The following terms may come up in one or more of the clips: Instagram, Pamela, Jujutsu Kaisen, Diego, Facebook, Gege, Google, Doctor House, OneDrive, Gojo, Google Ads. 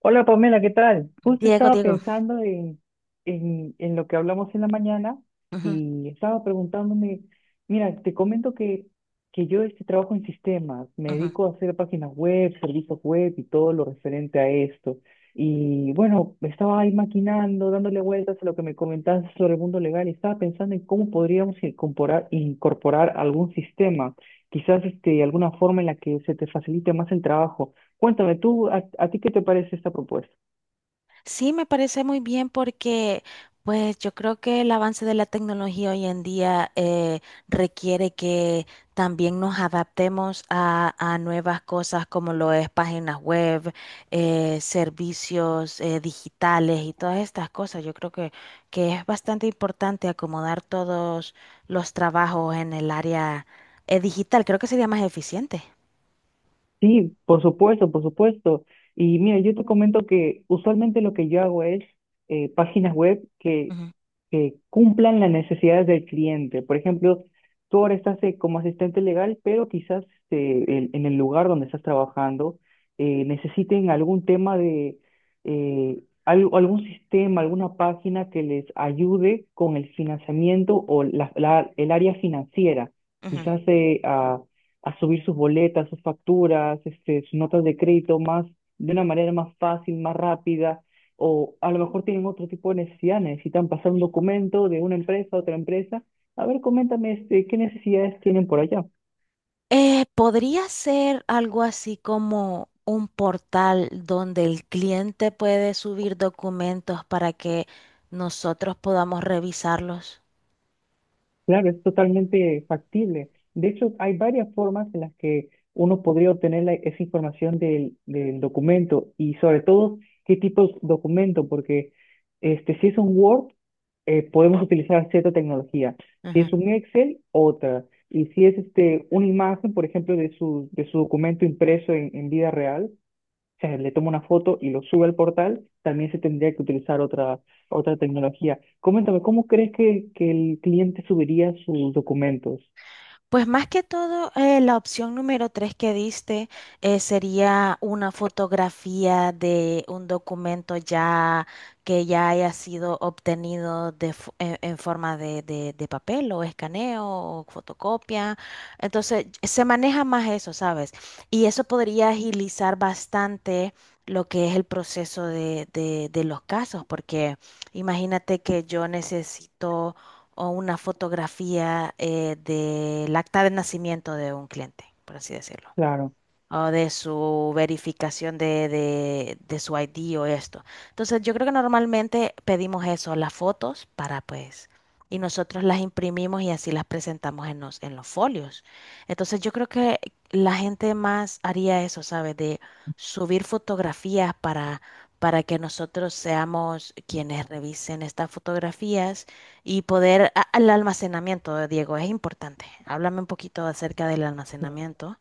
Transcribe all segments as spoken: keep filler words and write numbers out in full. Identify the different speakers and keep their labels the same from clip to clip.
Speaker 1: Hola Pamela, ¿qué tal? Justo
Speaker 2: Diego,
Speaker 1: estaba
Speaker 2: Diego.
Speaker 1: pensando en, en, en lo que hablamos en la mañana
Speaker 2: Ujú,
Speaker 1: y estaba preguntándome, mira, te comento que, que yo este trabajo en sistemas, me
Speaker 2: ujú.
Speaker 1: dedico a hacer páginas web, servicios web y todo lo referente a esto. Y bueno, estaba ahí maquinando, dándole vueltas a lo que me comentaste sobre el mundo legal y estaba pensando en cómo podríamos incorporar, incorporar algún sistema, quizás este, alguna forma en la que se te facilite más el trabajo. Cuéntame tú, ¿a, a ti qué te parece esta propuesta?
Speaker 2: Sí, me parece muy bien porque pues yo creo que el avance de la tecnología hoy en día eh, requiere que también nos adaptemos a, a nuevas cosas como lo es páginas web, eh, servicios eh, digitales y todas estas cosas. Yo creo que, que es bastante importante acomodar todos los trabajos en el área eh, digital. Creo que sería más eficiente.
Speaker 1: Sí, por supuesto, por supuesto. Y mira, yo te comento que usualmente lo que yo hago es eh, páginas web que,
Speaker 2: Ujú,
Speaker 1: que cumplan las necesidades del cliente. Por ejemplo, tú ahora estás eh, como asistente legal, pero quizás eh, en, en el lugar donde estás trabajando eh, necesiten algún tema de eh, al- algún sistema, alguna página que les ayude con el financiamiento o la- la- el área financiera.
Speaker 2: ujú.
Speaker 1: Quizás eh, a a subir sus boletas, sus facturas, este, sus notas de crédito más, de una manera más fácil, más rápida, o a lo mejor tienen otro tipo de necesidad, necesitan pasar un documento de una empresa a otra empresa. A ver, coméntame, este, ¿qué necesidades tienen por allá?
Speaker 2: Eh, podría ser algo así como un portal donde el cliente puede subir documentos para que nosotros podamos revisarlos.
Speaker 1: Claro, es totalmente factible. De hecho, hay varias formas en las que uno podría obtener la- esa información del, del documento y sobre todo qué tipo de documento, porque este, si es un Word, eh, podemos utilizar cierta tecnología. Si es un Excel, otra. Y si es este, una imagen, por ejemplo, de su, de su documento impreso en, en vida real, sea, le toma una foto y lo sube al portal, también se tendría que utilizar otra, otra tecnología. Coméntame, ¿cómo crees que, que el cliente subiría sus documentos?
Speaker 2: Pues más que todo, eh, la opción número tres que diste eh, sería una fotografía de un documento ya que ya haya sido obtenido de fo- en, en forma de, de- de papel o escaneo o fotocopia. Entonces, se maneja más eso, ¿sabes? Y eso podría agilizar bastante lo que es el proceso de, de de los casos, porque imagínate que yo necesito o una fotografía eh, del acta de nacimiento de un cliente, por así decirlo,
Speaker 1: Claro.
Speaker 2: o de su verificación de, de, de su I D o esto. Entonces, yo creo que normalmente pedimos eso, las fotos para pues, y nosotros las imprimimos y así las presentamos en los, en los folios. Entonces, yo creo que la gente más haría eso, ¿sabes? De subir fotografías para, para que nosotros seamos quienes revisen estas fotografías y poder, a- al almacenamiento, Diego, es importante. Háblame un poquito acerca del almacenamiento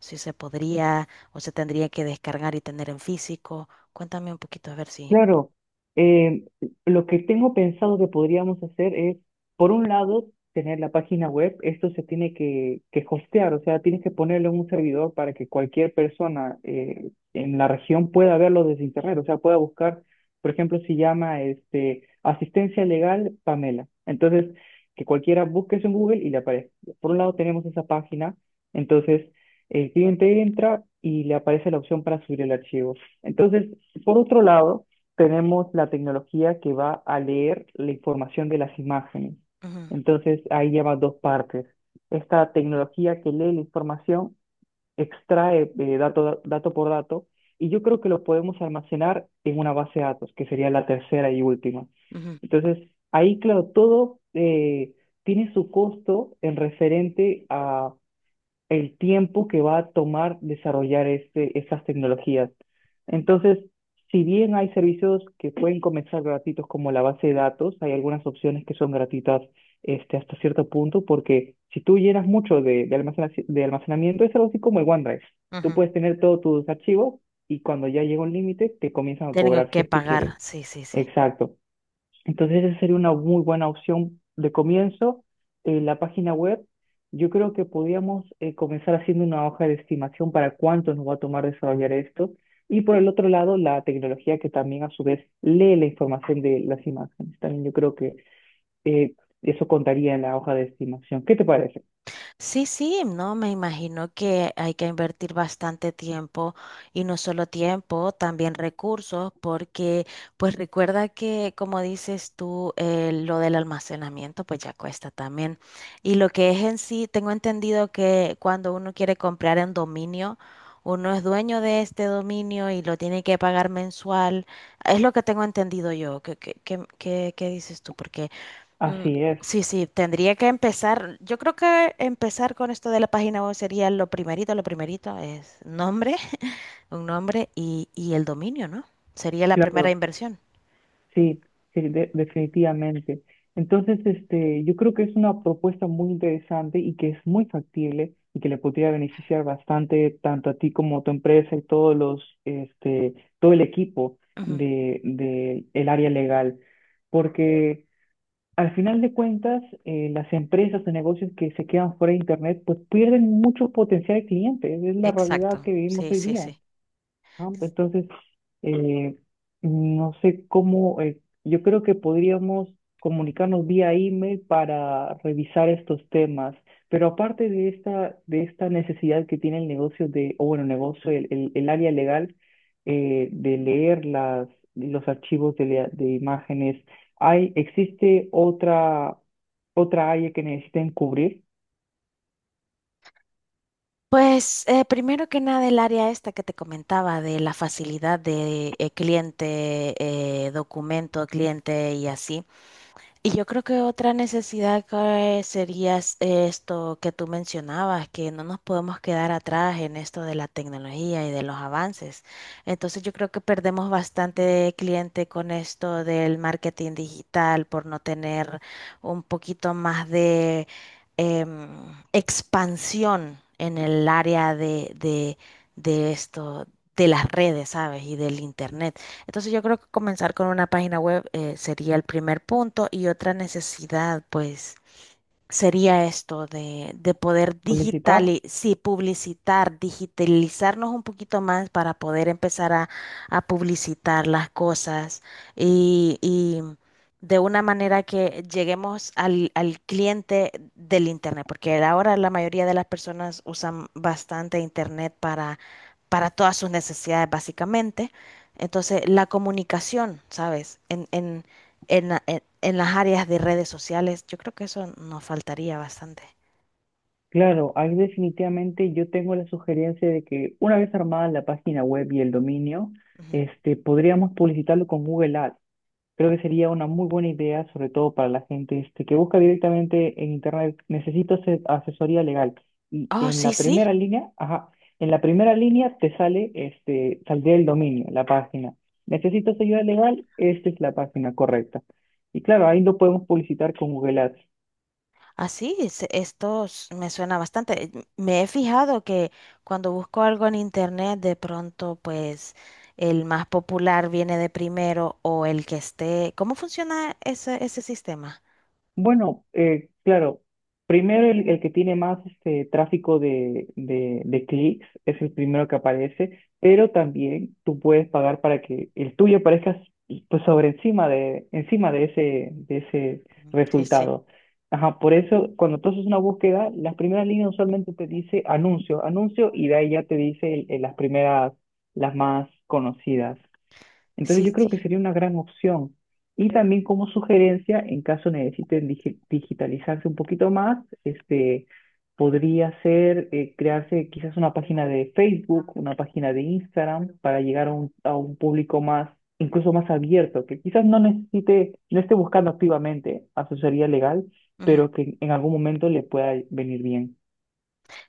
Speaker 2: si se podría o se tendría que descargar y tener en físico. Cuéntame un poquito a ver si.
Speaker 1: Claro, eh, lo que tengo pensado que podríamos hacer es, por un lado, tener la página web, esto se tiene que, que hostear, o sea, tienes que ponerlo en un servidor para que cualquier persona eh, en la región pueda verlo desde internet, o sea, pueda buscar, por ejemplo, si llama este, asistencia legal Pamela, entonces que cualquiera busque eso en Google y le aparece. Por un lado tenemos esa página, entonces el cliente entra y le aparece la opción para subir el archivo. Entonces, por otro lado, tenemos la tecnología que va a leer la información de las imágenes.
Speaker 2: Ujú,
Speaker 1: Entonces, ahí lleva dos partes. Esta tecnología que lee la información extrae eh, dato, dato por dato y yo creo que lo podemos almacenar en una base de datos, que sería la tercera y última.
Speaker 2: ujú,
Speaker 1: Entonces, ahí, claro, todo eh, tiene su costo en referente a el tiempo que va a tomar desarrollar este, esas tecnologías. Entonces, si bien hay servicios que pueden comenzar gratuitos como la base de datos, hay algunas opciones que son gratuitas este, hasta cierto punto, porque si tú llenas mucho de, de, almacena- de almacenamiento, es algo así como el OneDrive. Tú
Speaker 2: ujú.
Speaker 1: puedes tener todos tus archivos y cuando ya llega un límite, te comienzan a
Speaker 2: Tengo
Speaker 1: cobrar
Speaker 2: que
Speaker 1: si es que
Speaker 2: pagar,
Speaker 1: quieres.
Speaker 2: sí, sí, sí.
Speaker 1: Exacto. Entonces, esa sería una muy buena opción de comienzo. Eh, la página web, yo creo que podríamos eh, comenzar haciendo una hoja de estimación para cuánto nos va a tomar desarrollar esto. Y por el otro lado, la tecnología que también a su vez lee la información de las imágenes. También yo creo que eh, eso contaría en la hoja de estimación. ¿Qué te parece?
Speaker 2: Sí, sí, no, me imagino que hay que invertir bastante tiempo y no solo tiempo, también recursos, porque pues recuerda que como dices tú, eh, lo del almacenamiento pues ya cuesta también. Y lo que es en sí, tengo entendido que cuando uno quiere comprar en dominio, uno es dueño de este dominio y lo tiene que pagar mensual. Es lo que tengo entendido yo. ¿Qué, qué, qué, qué- qué dices tú? Porque... mm,
Speaker 1: Así es.
Speaker 2: sí, sí, tendría que empezar. Yo creo que empezar con esto de la página web sería lo primerito, lo primerito es nombre, un nombre y, y el dominio, ¿no? Sería la primera
Speaker 1: Claro.
Speaker 2: inversión.
Speaker 1: Sí, sí, de- definitivamente. Entonces, este, yo creo que es una propuesta muy interesante y que es muy factible y que le podría beneficiar bastante tanto a ti como a tu empresa y todos los, este, todo el equipo
Speaker 2: Ujú.
Speaker 1: de, de el área legal. Porque al final de cuentas, eh, las empresas o negocios que se quedan fuera de Internet, pues pierden mucho potencial de clientes. Es la realidad
Speaker 2: Exacto,
Speaker 1: que vivimos
Speaker 2: sí,
Speaker 1: hoy
Speaker 2: sí,
Speaker 1: día.
Speaker 2: sí.
Speaker 1: Ah, pues entonces, eh, no sé cómo, eh, yo creo que podríamos comunicarnos vía email para revisar estos temas, pero aparte de esta, de esta necesidad que tiene el negocio de, o bueno, el negocio, el, el, el área legal, eh, de leer las, los archivos de, lea- de imágenes, ¿hay, existe otra, otra área que necesiten cubrir,
Speaker 2: Pues eh, primero que nada el área esta que te comentaba de la facilidad de eh, cliente, eh, documento, cliente y así. Y yo creo que otra necesidad que sería es- esto que tú mencionabas, que no nos podemos quedar atrás en esto de la tecnología y de los avances. Entonces yo creo que perdemos bastante cliente con esto del marketing digital por no tener un poquito más de em, expansión en el área de, de, de esto, de las redes, ¿sabes? Y del internet. Entonces yo creo que comenzar con una página web eh, sería el primer punto y otra necesidad, pues sería esto de, de poder
Speaker 1: publicitar?
Speaker 2: digital sí, publicitar, digitalizarnos un poquito más para poder empezar a, a publicitar las cosas y, y de una manera que lleguemos al, al cliente del Internet, porque ahora la mayoría de las personas usan bastante Internet para, para todas sus necesidades, básicamente. Entonces, la comunicación, ¿sabes? En, en, en, la- en- en las áreas de redes sociales. Yo creo que eso nos faltaría bastante.
Speaker 1: Claro, ahí definitivamente yo tengo la sugerencia de que una vez armada la página web y el dominio,
Speaker 2: Ujú.
Speaker 1: este, podríamos publicitarlo con Google Ads. Creo que sería una muy buena idea, sobre todo para la gente este, que busca directamente en Internet, necesito ase- asesoría legal. Y
Speaker 2: Oh,
Speaker 1: en
Speaker 2: sí,
Speaker 1: la
Speaker 2: sí.
Speaker 1: primera línea, ajá, en la primera línea te sale, este, saldría el dominio, la página. Necesitas ayuda legal, esta es la página correcta. Y claro, ahí lo podemos publicitar con Google Ads.
Speaker 2: Así, es- esto s- me suena bastante. Eh, Me he fijado que cuando busco algo en internet, de pronto, pues el más popular viene de primero o el que esté. ¿Cómo funciona ese, ese sistema?
Speaker 1: Bueno, eh, claro, primero el, el que tiene más este, tráfico de, de, de clics es el primero que aparece, pero también tú puedes pagar para que el tuyo aparezca pues, sobre encima de, encima de ese, de ese
Speaker 2: Sí, sí.
Speaker 1: resultado. Ajá, por eso cuando tú haces una búsqueda, las primeras líneas usualmente te dice anuncio, anuncio y de ahí ya te dice el- el- las primeras, las más conocidas. Entonces
Speaker 2: Sí,
Speaker 1: yo creo
Speaker 2: sí.
Speaker 1: que sería una gran opción. Y también como sugerencia, en caso necesiten digi- digitalizarse un poquito más, este, podría ser eh, crearse quizás una página de Facebook, una página de Instagram para llegar a un, a un público más, incluso más abierto, que quizás no necesite, no esté buscando activamente asesoría legal,
Speaker 2: Ujú.
Speaker 1: pero que en algún momento le pueda venir bien.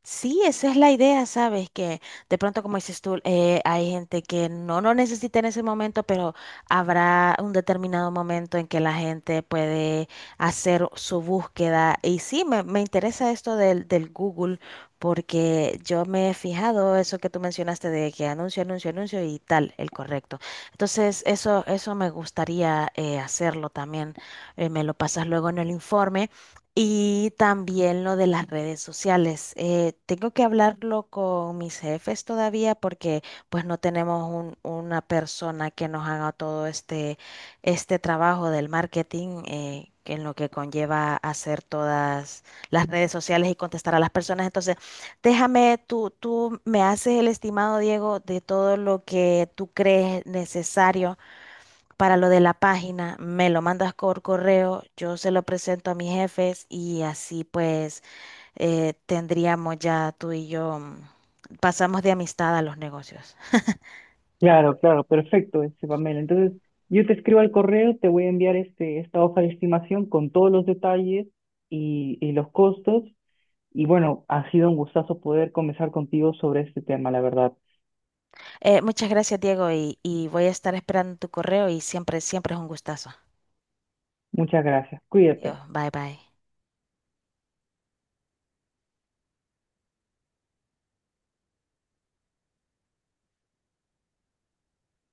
Speaker 2: Sí, esa es la idea, ¿sabes? Que de pronto, como dices tú, eh, hay gente que no lo necesita en ese momento, pero habrá un determinado momento en que la gente puede hacer su búsqueda. Y sí, me, me interesa esto del, del Google, porque yo me he fijado eso que tú mencionaste de que anuncio, anuncio, anuncio y tal, el correcto. Entonces, eso, eso me gustaría eh, hacerlo también. Eh, me lo pasas luego en el informe. Y también lo de las redes sociales. Eh, tengo que hablarlo con mis jefes todavía porque pues no tenemos un- una persona que nos haga todo este, este trabajo del marketing eh, que en lo que conlleva hacer todas las redes sociales y contestar a las personas. Entonces, déjame, tú, tú me haces el estimado, Diego, de todo lo que tú crees necesario para lo de la página, me lo mandas por correo, yo se lo presento a mis jefes y así pues eh, tendríamos ya tú y yo, mm, pasamos de amistad a los negocios.
Speaker 1: Claro, claro, perfecto, este Pamela. Entonces, yo te escribo al correo, te voy a enviar este, esta hoja de estimación con todos los detalles y, y los costos. Y bueno, ha sido un gustazo poder conversar contigo sobre este tema, la verdad.
Speaker 2: Eh, muchas gracias, Diego, y, y voy a estar esperando tu correo y siempre, siempre es un gustazo.
Speaker 1: Muchas gracias.
Speaker 2: Yo,
Speaker 1: Cuídate.
Speaker 2: bye bye.